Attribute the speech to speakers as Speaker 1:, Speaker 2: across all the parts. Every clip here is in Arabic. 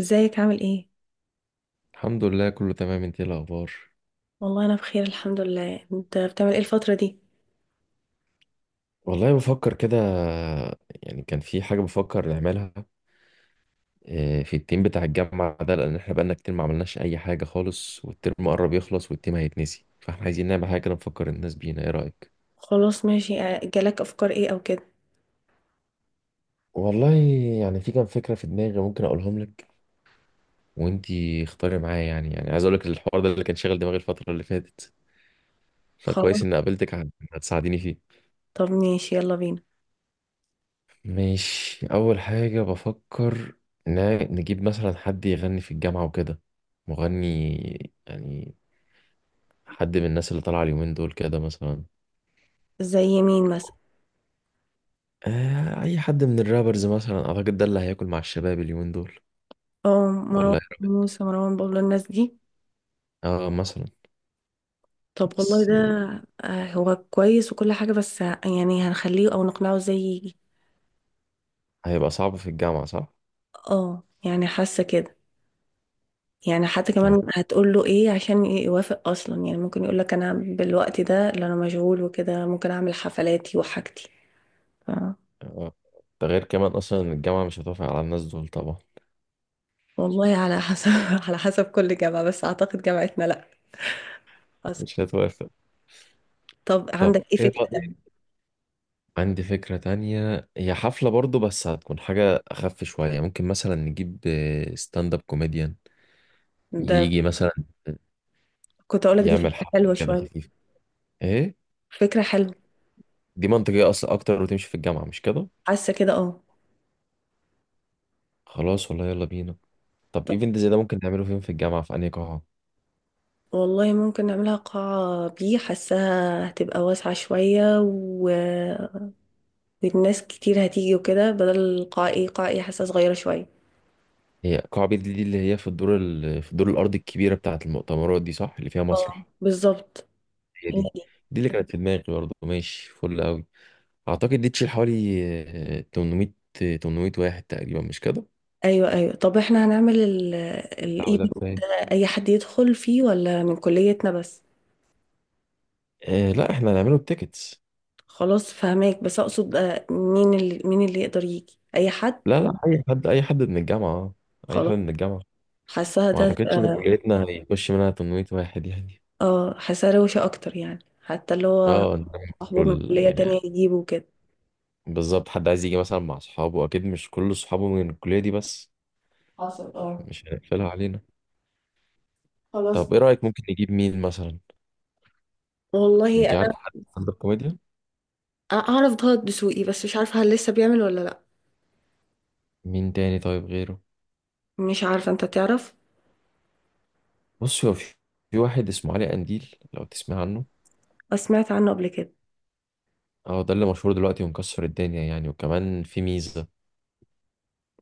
Speaker 1: ازيك عامل ايه؟
Speaker 2: الحمد لله، كله تمام. انت ايه الاخبار؟
Speaker 1: والله انا بخير الحمد لله. انت بتعمل ايه الفترة دي؟
Speaker 2: والله، بفكر كده. يعني كان في حاجه بفكر نعملها. اه، في التيم بتاع الجامعه ده، لان احنا بقالنا كتير ما عملناش اي حاجه خالص، والترم قرب يخلص، والتيم هيتنسي، فاحنا عايزين نعمل حاجه كده نفكر الناس بينا. ايه رايك؟
Speaker 1: خلاص ماشي. اه، جالك افكار ايه او كده؟
Speaker 2: والله، يعني في كام فكره في دماغي ممكن اقولهم لك، وانتي اختاري معايا. يعني عايز اقول لك الحوار ده اللي كان شاغل دماغي الفتره اللي فاتت،
Speaker 1: خلاص
Speaker 2: فكويس اني قابلتك عشان هتساعديني فيه.
Speaker 1: طب ماشي يلا بينا.
Speaker 2: مش أول حاجة بفكر، نجيب مثلا حد يغني في الجامعة وكده. مغني، يعني حد من الناس اللي طالعة اليومين دول كده مثلا.
Speaker 1: زي مين مثلا؟
Speaker 2: أي حد من الرابرز مثلا. أعتقد ده اللي هياكل مع الشباب اليومين دول.
Speaker 1: اه، مروان
Speaker 2: ولا
Speaker 1: موسى، مروان بابلو، الناس دي.
Speaker 2: آه، مثلا.
Speaker 1: طب والله
Speaker 2: بس
Speaker 1: ده اه، هو كويس وكل حاجة، بس يعني هنخليه او نقنعه ازاي يجي؟
Speaker 2: هيبقى صعب في الجامعة صح؟
Speaker 1: اه يعني حاسة كده. يعني حتى
Speaker 2: طب،
Speaker 1: كمان هتقول له ايه عشان يوافق اصلا؟ يعني ممكن يقول لك انا بالوقت ده اللي انا مشغول وكده ممكن اعمل حفلاتي وحاجتي.
Speaker 2: آه، ده غير كمان أصلا إن الجامعة مش هتوافق على الناس دول طبعا.
Speaker 1: والله على حسب على حسب كل جامعة، بس أعتقد جامعتنا لأ. حسب.
Speaker 2: مش هتوافق.
Speaker 1: طب
Speaker 2: طب
Speaker 1: عندك إيه
Speaker 2: إيه
Speaker 1: فكرة
Speaker 2: رأيك؟
Speaker 1: تانية؟
Speaker 2: عندي فكرة تانية، هي حفلة برضو بس هتكون حاجة أخف شوية. ممكن مثلا نجيب ستاند اب كوميديان،
Speaker 1: ده
Speaker 2: يجي مثلا
Speaker 1: كنت أقولك دي فكرة
Speaker 2: يعمل حفلة
Speaker 1: حلوة
Speaker 2: كده
Speaker 1: شوية.
Speaker 2: خفيفة. إيه،
Speaker 1: فكرة حلوة.
Speaker 2: دي منطقية أصلا أكتر وتمشي في الجامعة مش كده؟
Speaker 1: حاسة كده، اه.
Speaker 2: خلاص، والله يلا بينا. طب
Speaker 1: طب
Speaker 2: إيفنت زي ده ممكن نعمله فين في الجامعة، في أنهي قاعة؟
Speaker 1: والله ممكن نعملها قاعة بي، حاساها هتبقى واسعة شوية والناس كتير هتيجي وكده، بدل القاعة ايه قاعة ايه حاسة صغيرة شوية.
Speaker 2: هي قاعة بيت دي، اللي هي في الدور الأرضي الكبيرة بتاعة المؤتمرات دي، صح؟ اللي فيها
Speaker 1: اه
Speaker 2: مسرح.
Speaker 1: بالظبط.
Speaker 2: هي
Speaker 1: هي
Speaker 2: دي.
Speaker 1: دي.
Speaker 2: دي اللي كانت في دماغي برضه، ماشي فل أوي. أعتقد دي تشيل حوالي 800. 800 واحد تقريبا، مش كده؟
Speaker 1: ايوه ايوه. طب احنا هنعمل
Speaker 2: أو ده
Speaker 1: الايفنت
Speaker 2: كفاية.
Speaker 1: ده اي حد يدخل فيه ولا من كليتنا بس؟
Speaker 2: إيه، لا احنا هنعمله بتيكتس.
Speaker 1: خلاص فهماك، بس اقصد مين اللي يقدر يجي، اي حد؟
Speaker 2: لا لا، اي حد اي حد من الجامعه اه اي حد
Speaker 1: خلاص.
Speaker 2: من الجامعه.
Speaker 1: حاساها
Speaker 2: ما
Speaker 1: ده
Speaker 2: اعتقدش ان
Speaker 1: تبقى-
Speaker 2: كليتنا هيخش منها 800 واحد يعني.
Speaker 1: اه حاساها روشة اكتر، يعني حتى اللي هو
Speaker 2: اه، إنما
Speaker 1: صاحبه من كلية تانية
Speaker 2: يعني
Speaker 1: يجيبه كده.
Speaker 2: بالظبط، حد عايز يجي مثلا مع اصحابه، اكيد مش كل اصحابه من الكليه دي بس.
Speaker 1: حصل، اه.
Speaker 2: مش هنقفلها علينا. طب
Speaker 1: خلاص.
Speaker 2: ايه رايك؟ ممكن نجيب مين مثلا؟
Speaker 1: والله
Speaker 2: انت عارف حد ستاند اب كوميديان؟
Speaker 1: انا اعرف ضغط دسوقي، بس مش عارفه هل لسه بيعمل ولا لا.
Speaker 2: مين تاني طيب غيره؟
Speaker 1: مش عارفه انت تعرف.
Speaker 2: بص، هو في واحد اسمه علي قنديل، لو تسمع عنه.
Speaker 1: بس سمعت عنه قبل كده.
Speaker 2: اه، ده اللي مشهور دلوقتي ومكسر الدنيا يعني، وكمان في ميزه،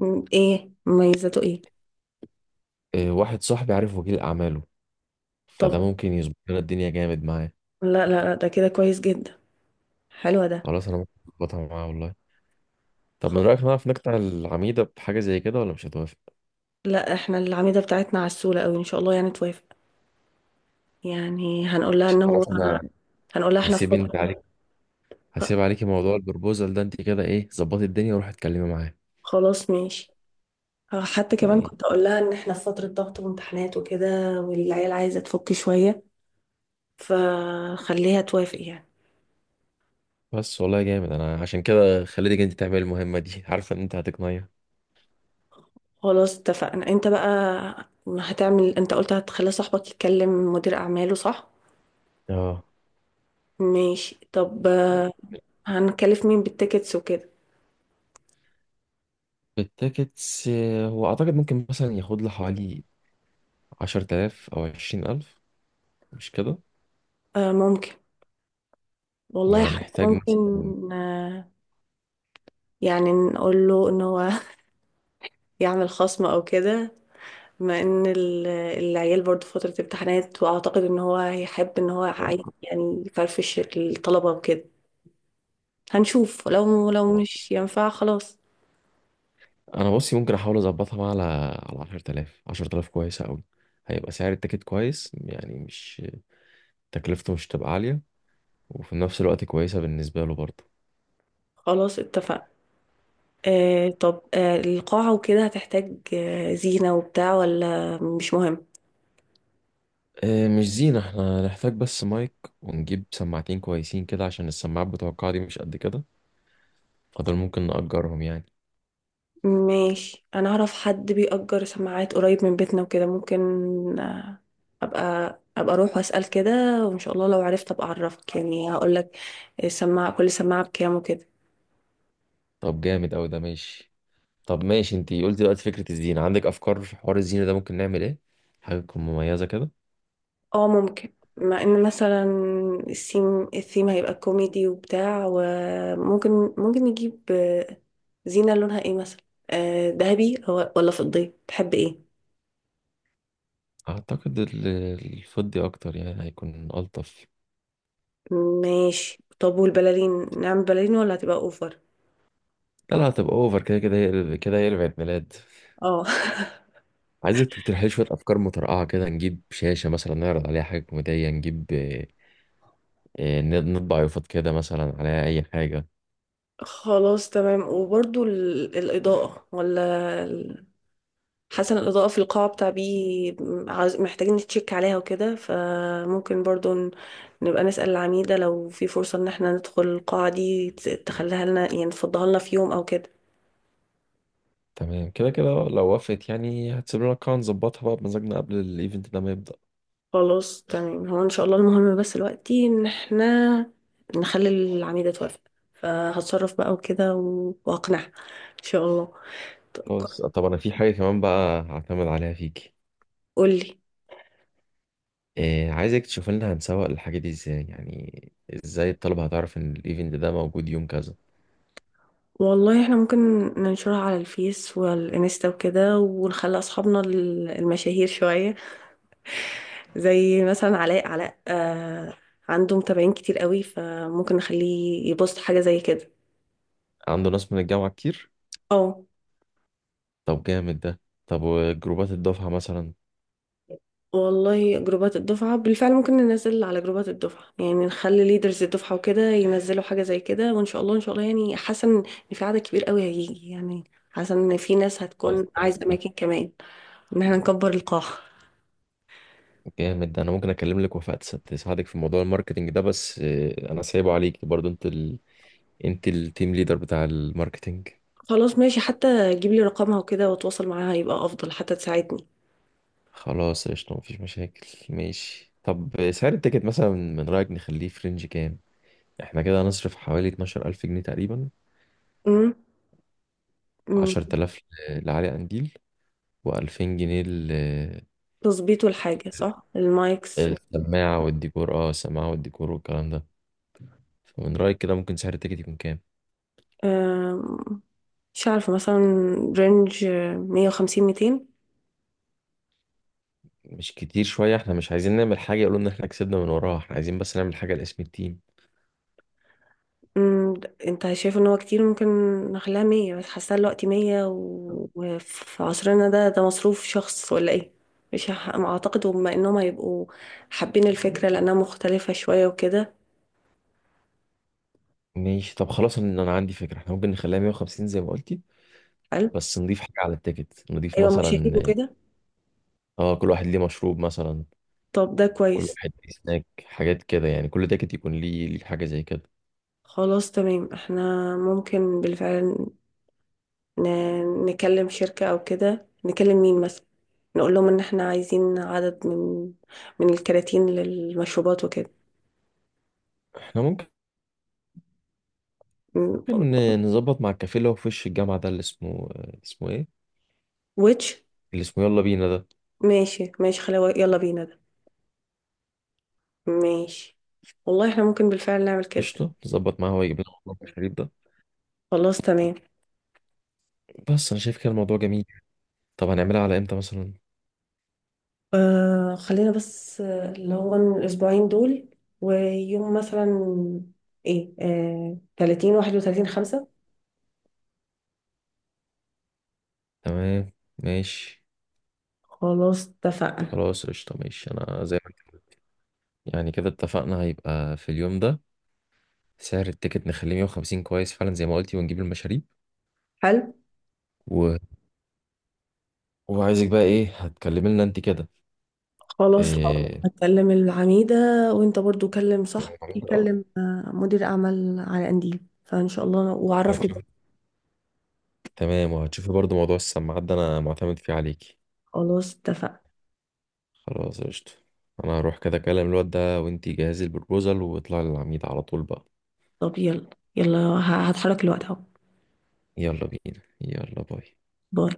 Speaker 1: ايه مميزاته، ايه؟
Speaker 2: واحد صاحبي عارف وكيل اعماله،
Speaker 1: طب
Speaker 2: فده ممكن يظبط لنا الدنيا جامد معاه.
Speaker 1: لا لا لا، ده كده كويس جدا. حلوة ده.
Speaker 2: خلاص، انا ممكن اظبطها معاه والله. طب من
Speaker 1: خ-
Speaker 2: رايك نعرف نقطع العميده بحاجه زي كده ولا مش هتوافق؟
Speaker 1: لا احنا العميدة بتاعتنا عسولة قوي، ان شاء الله يعني توافق. يعني هنقول لها ان هو
Speaker 2: خلاص، انا
Speaker 1: هنقول لها احنا في
Speaker 2: هسيب انت
Speaker 1: فترة.
Speaker 2: عليك. هسيب عليكي موضوع البروبوزال ده. انت كده ايه، ظبطي الدنيا وروحي اتكلمي معاه.
Speaker 1: خلاص ماشي. آه، حتى كمان
Speaker 2: ايه،
Speaker 1: كنت اقول لها ان احنا في فترة ضغط وامتحانات وكده، والعيال عايزة تفك شوية، فخليها توافق يعني.
Speaker 2: بس والله جامد. انا عشان كده خليتك انت تعملي المهمه دي عارفه ان انت هتقنعيها.
Speaker 1: خلاص اتفقنا. انت بقى هتعمل، انت قلت هتخلي صاحبك يتكلم مدير اعماله، صح؟
Speaker 2: اه،
Speaker 1: ماشي. طب هنكلف مين بالتيكتس وكده؟
Speaker 2: التيكتس، هو اعتقد ممكن مثلا ياخد له حوالي 10000 او 20000، مش كده؟
Speaker 1: آه ممكن. والله حتى
Speaker 2: وهنحتاج مثلا.
Speaker 1: ممكن. آه يعني نقول له ان هو يعمل خصم او كده، بما ان العيال برضه فترة امتحانات، واعتقد ان هو هيحب ان هو عايز يعني يفرفش الطلبة وكده. هنشوف، لو
Speaker 2: آه،
Speaker 1: مش ينفع خلاص.
Speaker 2: انا بصي، ممكن احاول اظبطها بقى على 10000. 10000 كويسه قوي، هيبقى سعر التيكت كويس يعني، مش تكلفته مش تبقى عاليه، وفي نفس الوقت كويسه بالنسبه له برضه.
Speaker 1: خلاص اتفقنا. آه طب آه القاعة وكده هتحتاج آه زينة وبتاع ولا مش مهم؟
Speaker 2: مش زينه، احنا هنحتاج بس مايك، ونجيب سماعتين كويسين كده عشان السماعات بتوع القاعه دي مش قد كده، فدول ممكن نأجرهم يعني.
Speaker 1: ماشي، انا اعرف حد بيأجر سماعات قريب من بيتنا وكده ممكن. آه ابقى اروح واسأل كده، وان شاء الله لو عرفت ابقى اعرفك يعني هقول لك السماعة، كل سماعة بكام وكده.
Speaker 2: طب جامد قوي ده، ماشي. طب ماشي، انتي قلت دلوقتي فكره الزينه. عندك افكار في حوار الزينه ده؟ ممكن نعمل ايه حاجه تكون مميزه كده؟
Speaker 1: اه ممكن، مع ان مثلا الثيم هيبقى كوميدي وبتاع، وممكن نجيب زينة لونها ايه مثلا؟ آه، ذهبي أو- ولا فضي، تحب ايه؟
Speaker 2: اعتقد الفضي اكتر، يعني هيكون الطف.
Speaker 1: ماشي. طب والبلالين، نعمل بلالين ولا هتبقى اوفر؟
Speaker 2: لا لا، هتبقى اوفر، كده كده هي كده، هي عيد ميلاد.
Speaker 1: اه
Speaker 2: عايزك تقترح لي شويه افكار مترقعه كده. نجيب شاشه مثلا نعرض عليها حاجه كوميديه، نجيب، نطبع يافطة كده مثلا عليها اي حاجه.
Speaker 1: خلاص تمام. وبرضو الإضاءة ولا حسن الإضاءة في القاعة بتاع بي عاوز- محتاجين نتشيك عليها وكده، فممكن برضو نبقى نسأل العميدة لو في فرصة إن احنا ندخل القاعة دي، تخليها لنا يعني تفضها لنا في يوم أو كده.
Speaker 2: تمام، كده كده لو وافقت يعني هتسيب لنا قاعه نظبطها بقى بمزاجنا قبل الايفنت ده ما يبدا.
Speaker 1: خلاص تمام، هو إن شاء الله المهم بس دلوقتي إن احنا نخلي العميدة توافق، فهتصرف بقى وكده وأقنعها إن شاء الله. ط-
Speaker 2: خلاص. طب انا في حاجه كمان بقى هعتمد عليها فيكي.
Speaker 1: قولي.
Speaker 2: عايزك تشوف لنا هنسوق الحاجه دي ازاي، يعني ازاي الطلبه هتعرف ان الايفنت ده موجود يوم كذا.
Speaker 1: والله احنا ممكن ننشرها على الفيس والانستا وكده، ونخلي اصحابنا المشاهير شوية، زي مثلا علاء آه عنده متابعين كتير قوي، فممكن نخليه يبوست حاجة زي كده.
Speaker 2: عنده ناس من الجامعه كتير.
Speaker 1: اه.
Speaker 2: طب جامد ده. طب وجروبات الدفعه مثلا.
Speaker 1: والله جروبات الدفعة بالفعل ممكن ننزل على جروبات الدفعة، يعني نخلي ليدرز الدفعة وكده ينزلوا حاجة زي كده، وإن شاء الله إن شاء الله. يعني حاسة إن في عدد كبير قوي هيجي يعني، حاسة إن في ناس
Speaker 2: خلاص،
Speaker 1: هتكون عايزة
Speaker 2: جامد.
Speaker 1: أماكن كمان، إن احنا نكبر القاعة.
Speaker 2: جامد ده، انا ممكن اكلم لك وفاء تساعدك في موضوع الماركتنج ده، بس انا سايبه عليك برضو. انت التيم ليدر بتاع الماركتنج.
Speaker 1: خلاص ماشي، حتى جيب لي رقمها وكده وأتواصل معاها يبقى أفضل، حتى تساعدني.
Speaker 2: خلاص قشطة، مفيش مشاكل. ماشي طب، سعر التيكت مثلا من رأيك نخليه في رينج كام؟ احنا كده هنصرف حوالي 12000 جنيه تقريبا.
Speaker 1: امم أمم.
Speaker 2: 10000 لعلي قنديل، و2000 جنيه
Speaker 1: تظبيط الحاجة، صح، المايكس.
Speaker 2: السماعة والديكور. اه، السماعة والديكور والكلام ده. فمن رأيك كده ممكن سعر التيكت يكون كام؟
Speaker 1: آم، مش عارفة، مثلا رينج مية وخمسين، ميتين.
Speaker 2: مش كتير شوية؟ احنا مش عايزين نعمل حاجة يقولوا ان احنا كسبنا من وراها، احنا عايزين بس نعمل حاجة لاسم التيم.
Speaker 1: انت شايف ان هو كتير؟ ممكن نخليها مية بس. حاسة دلوقتي مية وفي عصرنا ده ده مصروف شخص ولا ايه؟ مش هح- ما اعتقد بما انهم هيبقوا حابين الفكرة لانها مختلفة شوية وكده.
Speaker 2: ماشي، طب خلاص. أنا عندي فكرة، احنا ممكن نخليها 150 زي ما قلتي،
Speaker 1: حلو.
Speaker 2: بس نضيف حاجة على التيكت. نضيف
Speaker 1: ايوه مشاهير
Speaker 2: مثلا،
Speaker 1: وكده.
Speaker 2: اه، كل واحد ليه مشروب مثلا.
Speaker 1: طب ده
Speaker 2: كل
Speaker 1: كويس.
Speaker 2: واحد ليه سناك، حاجات كده يعني. كل تيكت يكون ليه حاجة زي كده.
Speaker 1: خلاص تمام، احنا ممكن بالفعل نكلم شركة أو كده، نكلم مين مثلا، نقول لهم إن إحنا عايزين عدد من الكراتين للمشروبات وكده.
Speaker 2: احنا ممكن
Speaker 1: م-
Speaker 2: نظبط مع الكافيه اللي هو في وش الجامعة ده، اللي اسمه... اسمه ايه؟
Speaker 1: ويتش.
Speaker 2: اللي اسمه يلا بينا ده.
Speaker 1: ماشي ماشي، خلاوي يلا بينا ده. ماشي. والله إحنا ممكن بالفعل نعمل كده.
Speaker 2: قشطة، نظبط معاه هو يجيب لنا المشروب ده.
Speaker 1: خلاص تمام.
Speaker 2: بس انا شايف كده الموضوع جميل. طب هنعملها على امتى مثلا؟
Speaker 1: آه خلينا بس آه، اللي هو الأسبوعين دول، ويوم مثلا إيه آه 30 31 5.
Speaker 2: تمام. ماشي.
Speaker 1: خلاص اتفقنا.
Speaker 2: خلاص قشطة، ماشي. أنا زي ما كده. يعني كده اتفقنا، هيبقى في اليوم ده. سعر التيكت نخليه 150، كويس فعلا زي ما قلتي، ونجيب المشاريب
Speaker 1: حلو.
Speaker 2: و... وعايزك بقى إيه هتكلمي لنا أنت كده.
Speaker 1: خلاص
Speaker 2: إيه،
Speaker 1: هكلم العميدة، وانت برضو كلم صاحبك
Speaker 2: آه،
Speaker 1: يكلم آه، مدير اعمال على قنديل، فان شاء الله وعرفني بقى.
Speaker 2: هتشوفي. تمام، وهتشوفي برضو موضوع السماعات ده، أنا معتمد فيه عليكي.
Speaker 1: خلاص اتفقنا.
Speaker 2: خلاص قشطة. أنا هروح كده أكلم الواد ده، وأنت جهزي البروبوزال واطلعي للعميد على طول بقى.
Speaker 1: طب يلا، يلا هتحرك، الوقت اهو.
Speaker 2: يلا بينا، يلا باي.
Speaker 1: باي.